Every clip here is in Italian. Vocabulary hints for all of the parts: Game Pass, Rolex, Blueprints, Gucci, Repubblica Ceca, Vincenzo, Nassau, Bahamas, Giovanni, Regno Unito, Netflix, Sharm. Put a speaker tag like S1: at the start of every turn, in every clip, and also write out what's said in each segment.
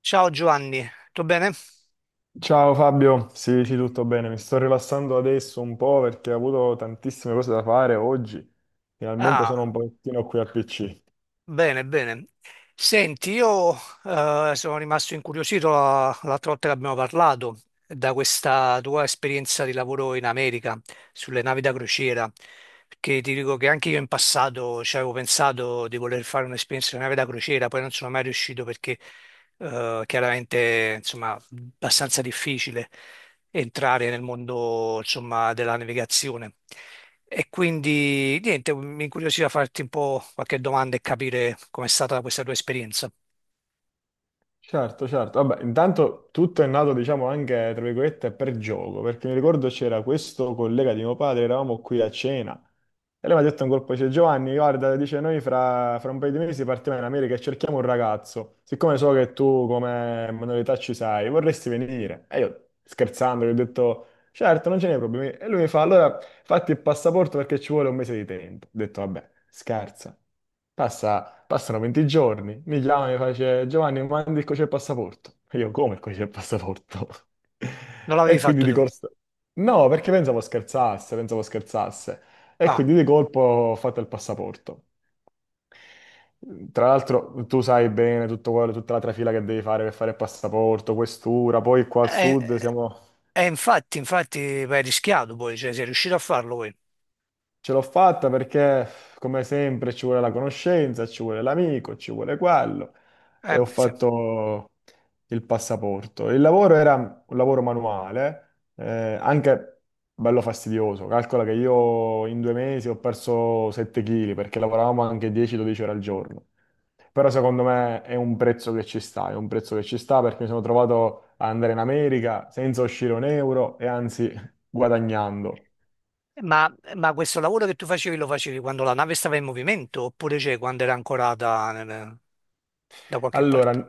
S1: Ciao Giovanni, tutto bene?
S2: Ciao Fabio, sì, sì, tutto bene. Mi sto rilassando adesso un po' perché ho avuto tantissime cose da fare oggi. Finalmente sono un
S1: Ah,
S2: pochettino qui al PC.
S1: bene, bene. Senti, io sono rimasto incuriosito l'altra volta che abbiamo parlato da questa tua esperienza di lavoro in America sulle navi da crociera. Perché ti dico che anche io in passato ci avevo pensato di voler fare un'esperienza di nave da crociera, poi non sono mai riuscito perché chiaramente insomma abbastanza difficile entrare nel mondo insomma della navigazione. E quindi niente, mi incuriosiva farti un po' qualche domanda e capire com'è stata questa tua esperienza.
S2: Certo, certo. Vabbè, intanto tutto è nato, diciamo, anche, tra virgolette, per gioco, perché mi ricordo c'era questo collega di mio padre, eravamo qui a cena, e lui mi ha detto un colpo, dice, Giovanni, guarda, dice, noi fra un paio di mesi partiamo in America e cerchiamo un ragazzo, siccome so che tu come manualità ci sai, vorresti venire? E io, scherzando, gli ho detto, certo, non ce n'è problemi. E lui mi fa, allora, fatti il passaporto perché ci vuole un mese di tempo. Ho detto, vabbè, scherza. Passa Passano 20 giorni, mi chiama e mi face Giovanni, mi mandi il codice del passaporto. E io, come il codice del passaporto?
S1: Non l'avevi
S2: E quindi
S1: fatto
S2: di
S1: tu?
S2: corsa. No, perché pensavo scherzasse, pensavo scherzasse. E
S1: Ah,
S2: quindi di colpo ho fatto il passaporto. Tra l'altro tu sai bene tutto quello, tutta la trafila che devi fare per fare il passaporto, questura, poi qua al
S1: e,
S2: sud siamo.
S1: e infatti, infatti, beh, hai rischiato poi, cioè sei riuscito a farlo poi.
S2: Ce l'ho fatta perché, come sempre, ci vuole la conoscenza, ci vuole l'amico, ci vuole quello. E
S1: Eh
S2: ho
S1: beh, sì.
S2: fatto il passaporto. Il lavoro era un lavoro manuale, anche bello fastidioso. Calcola che io in 2 mesi ho perso 7 kg perché lavoravamo anche 10-12 ore al giorno. Però secondo me è un prezzo che ci sta, è un prezzo che ci sta perché mi sono trovato a andare in America senza uscire un euro e anzi guadagnando.
S1: Ma questo lavoro che tu facevi lo facevi quando la nave stava in movimento oppure cioè, quando era ancorata da qualche
S2: Allora,
S1: parte?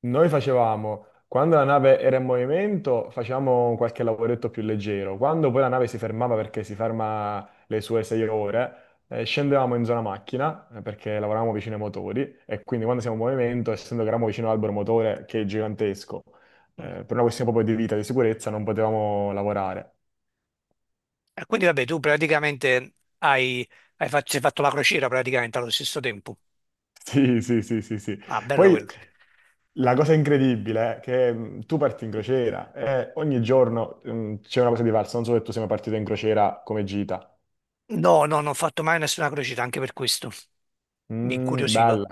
S2: noi facevamo, quando la nave era in movimento, facevamo qualche lavoretto più leggero. Quando poi la nave si fermava perché si ferma le sue 6 ore, scendevamo in zona macchina perché lavoravamo vicino ai motori e quindi quando siamo in movimento, essendo che eravamo vicino all'albero motore che è gigantesco,
S1: Mm.
S2: per una questione proprio di vita e di sicurezza non potevamo lavorare.
S1: E quindi vabbè, tu praticamente hai, hai fatto la crociera praticamente allo stesso tempo.
S2: Sì, sì, sì, sì, sì.
S1: Ah, bella
S2: Poi
S1: quella.
S2: la cosa incredibile è che tu parti in crociera e ogni giorno c'è una cosa diversa. Non so se tu sei mai partito in crociera come gita.
S1: No, no, non ho fatto mai nessuna crociera, anche per questo mi
S2: Mm,
S1: incuriosiva.
S2: bella.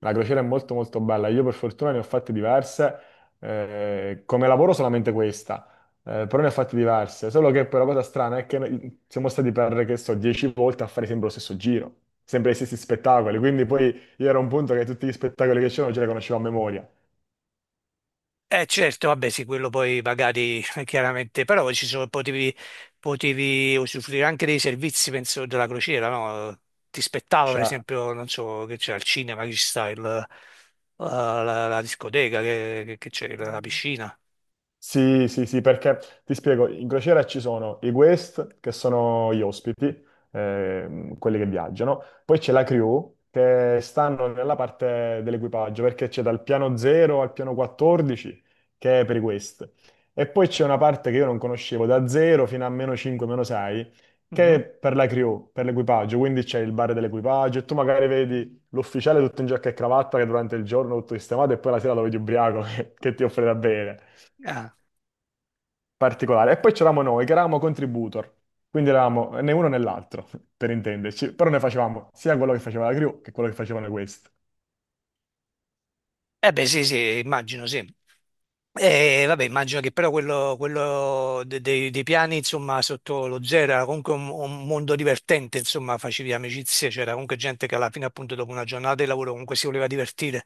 S2: La crociera è molto molto bella. Io per fortuna ne ho fatte diverse. Come lavoro solamente questa, però ne ho fatte diverse. Solo che poi la cosa strana è che noi siamo stati per, che so, 10 volte a fare sempre lo stesso giro, sempre gli stessi spettacoli. Quindi poi io ero a un punto che tutti gli spettacoli che c'erano ce li conoscevo a memoria.
S1: Eh certo, vabbè sì, quello poi magari chiaramente, però ci sono, potevi usufruire anche dei servizi, penso, della crociera, no? Ti spettava per
S2: Cioè.
S1: esempio, non so, che c'è al cinema, che ci sta la discoteca, che c'è la piscina.
S2: Sì, sì, sì, perché ti spiego, in crociera ci sono i guest, che sono gli ospiti, quelli che viaggiano, poi c'è la crew, che stanno nella parte dell'equipaggio, perché c'è dal piano 0 al piano 14, che è per i guest, e poi c'è una parte che io non conoscevo, da 0 fino a meno 5, meno 6, che
S1: Mhm.
S2: è per la crew, per l'equipaggio, quindi c'è il bar dell'equipaggio, e tu magari vedi l'ufficiale tutto in giacca e cravatta, che durante il giorno è tutto sistemato, e poi la sera lo vedi ubriaco, che ti offre da bere
S1: Ah.
S2: particolare. E poi c'eravamo noi, che eravamo contributor, quindi eravamo né uno né l'altro, per intenderci, però ne facevamo sia quello che faceva la crew che quello che facevano questi.
S1: Eh beh sì, sì, immagino, sì. E vabbè, immagino che però quello dei piani, insomma, sotto lo zero era comunque un mondo divertente, insomma, facevi amicizie, c'era comunque gente che alla fine, appunto, dopo una giornata di lavoro comunque si voleva divertire,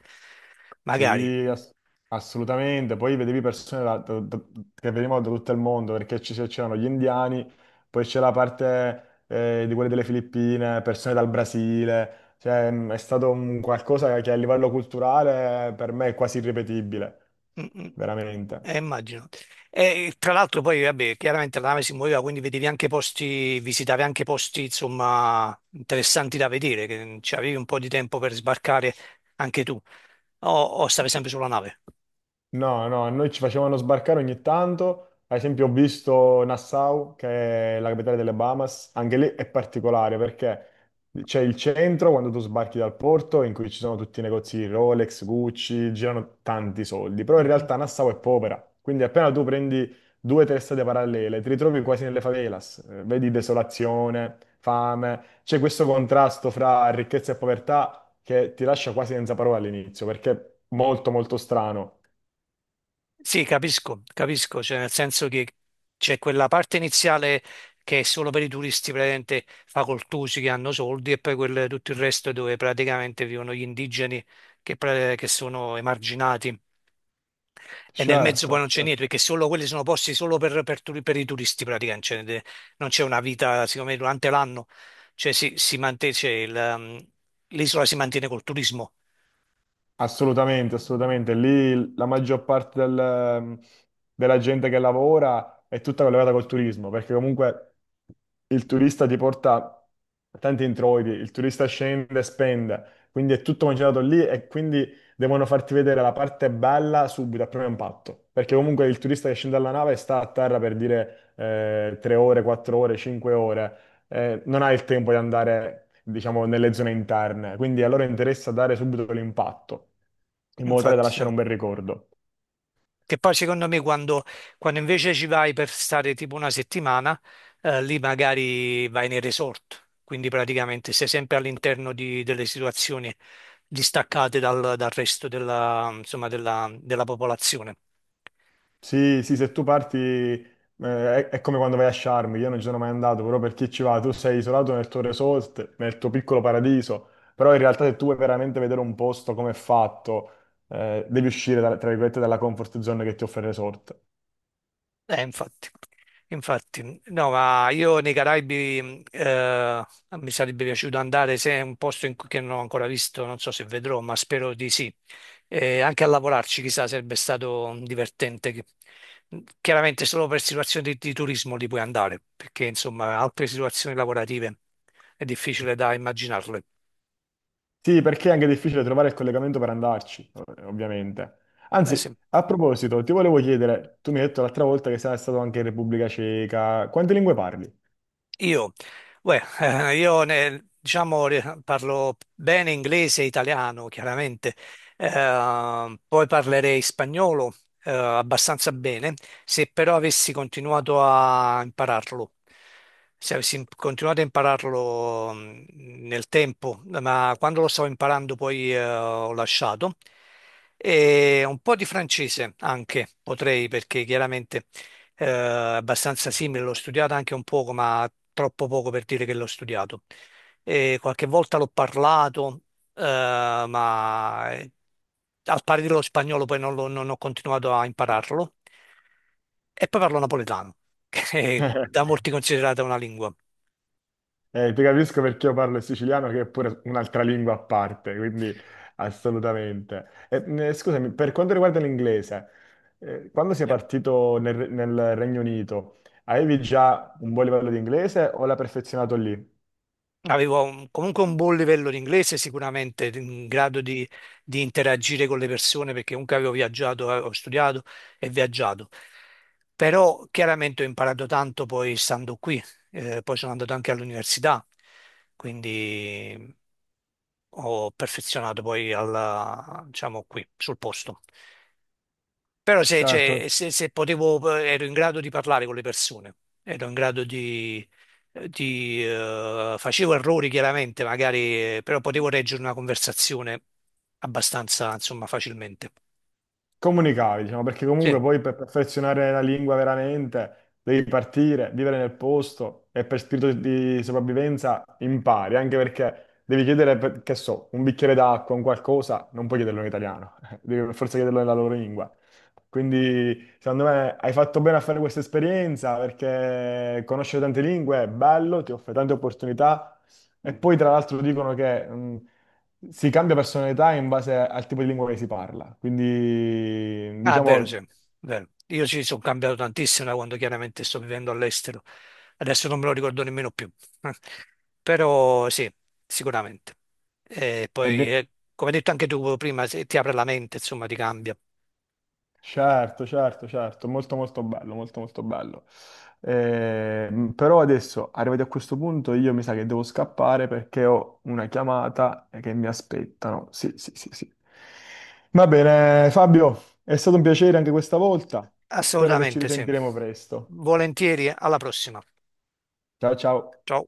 S1: magari.
S2: Sì, assolutamente. Poi vedevi persone che venivano da tutto il mondo, perché c'erano gli indiani, poi c'era la parte di quelli delle Filippine, persone dal Brasile. Cioè, è stato un qualcosa che a livello culturale per me è quasi irripetibile,
S1: Mm, mm.
S2: veramente.
S1: Immagino. E tra l'altro poi, vabbè, chiaramente la nave si muoveva, quindi vedevi anche posti, visitavi anche posti, insomma, interessanti da vedere, che ci avevi un po' di tempo per sbarcare anche tu, o, o stavi sempre sulla nave?
S2: No, no, a noi ci facevano sbarcare ogni tanto. Ad esempio, ho visto Nassau, che è la capitale delle Bahamas. Anche lì è particolare perché c'è il centro quando tu sbarchi dal porto in cui ci sono tutti i negozi Rolex, Gucci, girano tanti soldi. Però in
S1: Mhm.
S2: realtà Nassau è povera. Quindi appena tu prendi due o tre strade parallele, ti ritrovi quasi nelle favelas. Vedi desolazione, fame. C'è questo contrasto fra ricchezza e povertà che ti lascia quasi senza parole all'inizio perché è molto, molto strano.
S1: Sì, capisco, capisco, cioè nel senso che c'è quella parte iniziale che è solo per i turisti praticamente facoltosi che hanno soldi e poi tutto il resto dove praticamente vivono gli indigeni che, che sono emarginati e nel mezzo poi
S2: Certo,
S1: non c'è niente
S2: certo.
S1: perché solo quelli sono posti solo per, per i turisti praticamente, cioè, non c'è una vita, siccome durante l'anno cioè, si mantiene, cioè, l'isola si mantiene col turismo,
S2: Assolutamente, assolutamente. Lì la maggior parte della gente che lavora è tutta collegata col turismo, perché comunque il turista ti porta tanti introiti, il turista scende e spende, quindi è tutto concentrato lì e quindi devono farti vedere la parte bella subito, a primo impatto, perché comunque il turista che scende dalla nave sta a terra per dire 3 ore, 4 ore, 5 ore. Non ha il tempo di andare, diciamo, nelle zone interne, quindi a loro interessa dare subito l'impatto, in modo tale da
S1: infatti. Sì.
S2: lasciare un bel ricordo.
S1: Che poi secondo me quando, quando invece ci vai per stare tipo una settimana, lì magari vai nei resort, quindi praticamente sei sempre all'interno delle situazioni distaccate dal, dal resto della, insomma, della, della popolazione.
S2: Sì, sì, se tu parti, è come quando vai a Sharm, io non ci sono mai andato, però per chi ci va, tu sei isolato nel tuo resort, nel tuo piccolo paradiso, però in realtà se tu vuoi veramente vedere un posto come è fatto, devi uscire, tra virgolette, dalla comfort zone che ti offre il resort.
S1: Infatti, infatti, no, ma io nei Caraibi mi sarebbe piaciuto andare se è un posto in cui che non ho ancora visto, non so se vedrò, ma spero di sì. E anche a lavorarci, chissà, sarebbe stato divertente. Chiaramente solo per situazioni di turismo li puoi andare, perché insomma altre situazioni lavorative è difficile da immaginarle.
S2: Sì, perché è anche difficile trovare il collegamento per andarci, ovviamente.
S1: Eh,
S2: Anzi,
S1: se-
S2: a proposito, ti volevo chiedere, tu mi hai detto l'altra volta che sei stato anche in Repubblica Ceca, quante lingue parli?
S1: Io, beh, diciamo, parlo bene inglese e italiano, chiaramente. Poi parlerei spagnolo, abbastanza bene, se però avessi continuato a impararlo, se continuato a impararlo nel tempo, ma quando lo stavo imparando poi, ho lasciato, e un po' di francese anche potrei, perché chiaramente eh, abbastanza simile, l'ho studiata anche un poco, ma troppo poco per dire che l'ho studiato. E qualche volta l'ho parlato, eh, ma al pari dello spagnolo poi non, non ho continuato a impararlo. E poi parlo napoletano, che è da molti considerata una lingua.
S2: Ti capisco perché io parlo il siciliano, che è pure un'altra lingua a parte, quindi assolutamente. E, scusami, per quanto riguarda l'inglese, quando sei
S1: Eh,
S2: partito nel Regno Unito, avevi già un buon livello di inglese o l'hai perfezionato lì?
S1: Comunque un buon livello di inglese, sicuramente in grado di interagire con le persone, perché comunque avevo viaggiato, ho studiato e viaggiato. Però chiaramente ho imparato tanto poi stando qui, poi sono andato anche all'università, quindi ho perfezionato poi alla, diciamo qui, sul posto. Però se,
S2: Certo,
S1: cioè, se potevo, ero in grado di parlare con le persone, ero in grado di, facevo errori chiaramente, magari, però potevo reggere una conversazione abbastanza, insomma, facilmente.
S2: comunicavi, diciamo, perché
S1: Sì,
S2: comunque poi per perfezionare la lingua veramente devi partire, vivere nel posto e per spirito di sopravvivenza impari, anche perché devi chiedere, che so, un bicchiere d'acqua, un qualcosa, non puoi chiederlo in italiano, devi per forza chiederlo nella loro lingua. Quindi, secondo me, hai fatto bene a fare questa esperienza perché conoscere tante lingue è bello, ti offre tante opportunità e poi, tra l'altro, dicono che si cambia personalità in base al tipo di lingua che si parla. Quindi,
S1: ah, è vero, sì,
S2: diciamo,
S1: è vero. Io ci sono cambiato tantissimo da quando chiaramente sto vivendo all'estero. Adesso non me lo ricordo nemmeno più. Però sì, sicuramente. E
S2: è
S1: poi,
S2: ve-
S1: come hai detto anche tu prima, se ti apre la mente, insomma, ti cambia.
S2: certo, certo, certo, molto molto bello, molto molto bello. Però adesso, arrivati a questo punto, io mi sa che devo scappare perché ho una chiamata che mi aspettano. Sì, sì, sì, sì. Va bene, Fabio, è stato un piacere anche questa volta. Spero che ci
S1: Assolutamente sì.
S2: risentiremo presto.
S1: Volentieri, alla prossima.
S2: Ciao, ciao.
S1: Ciao.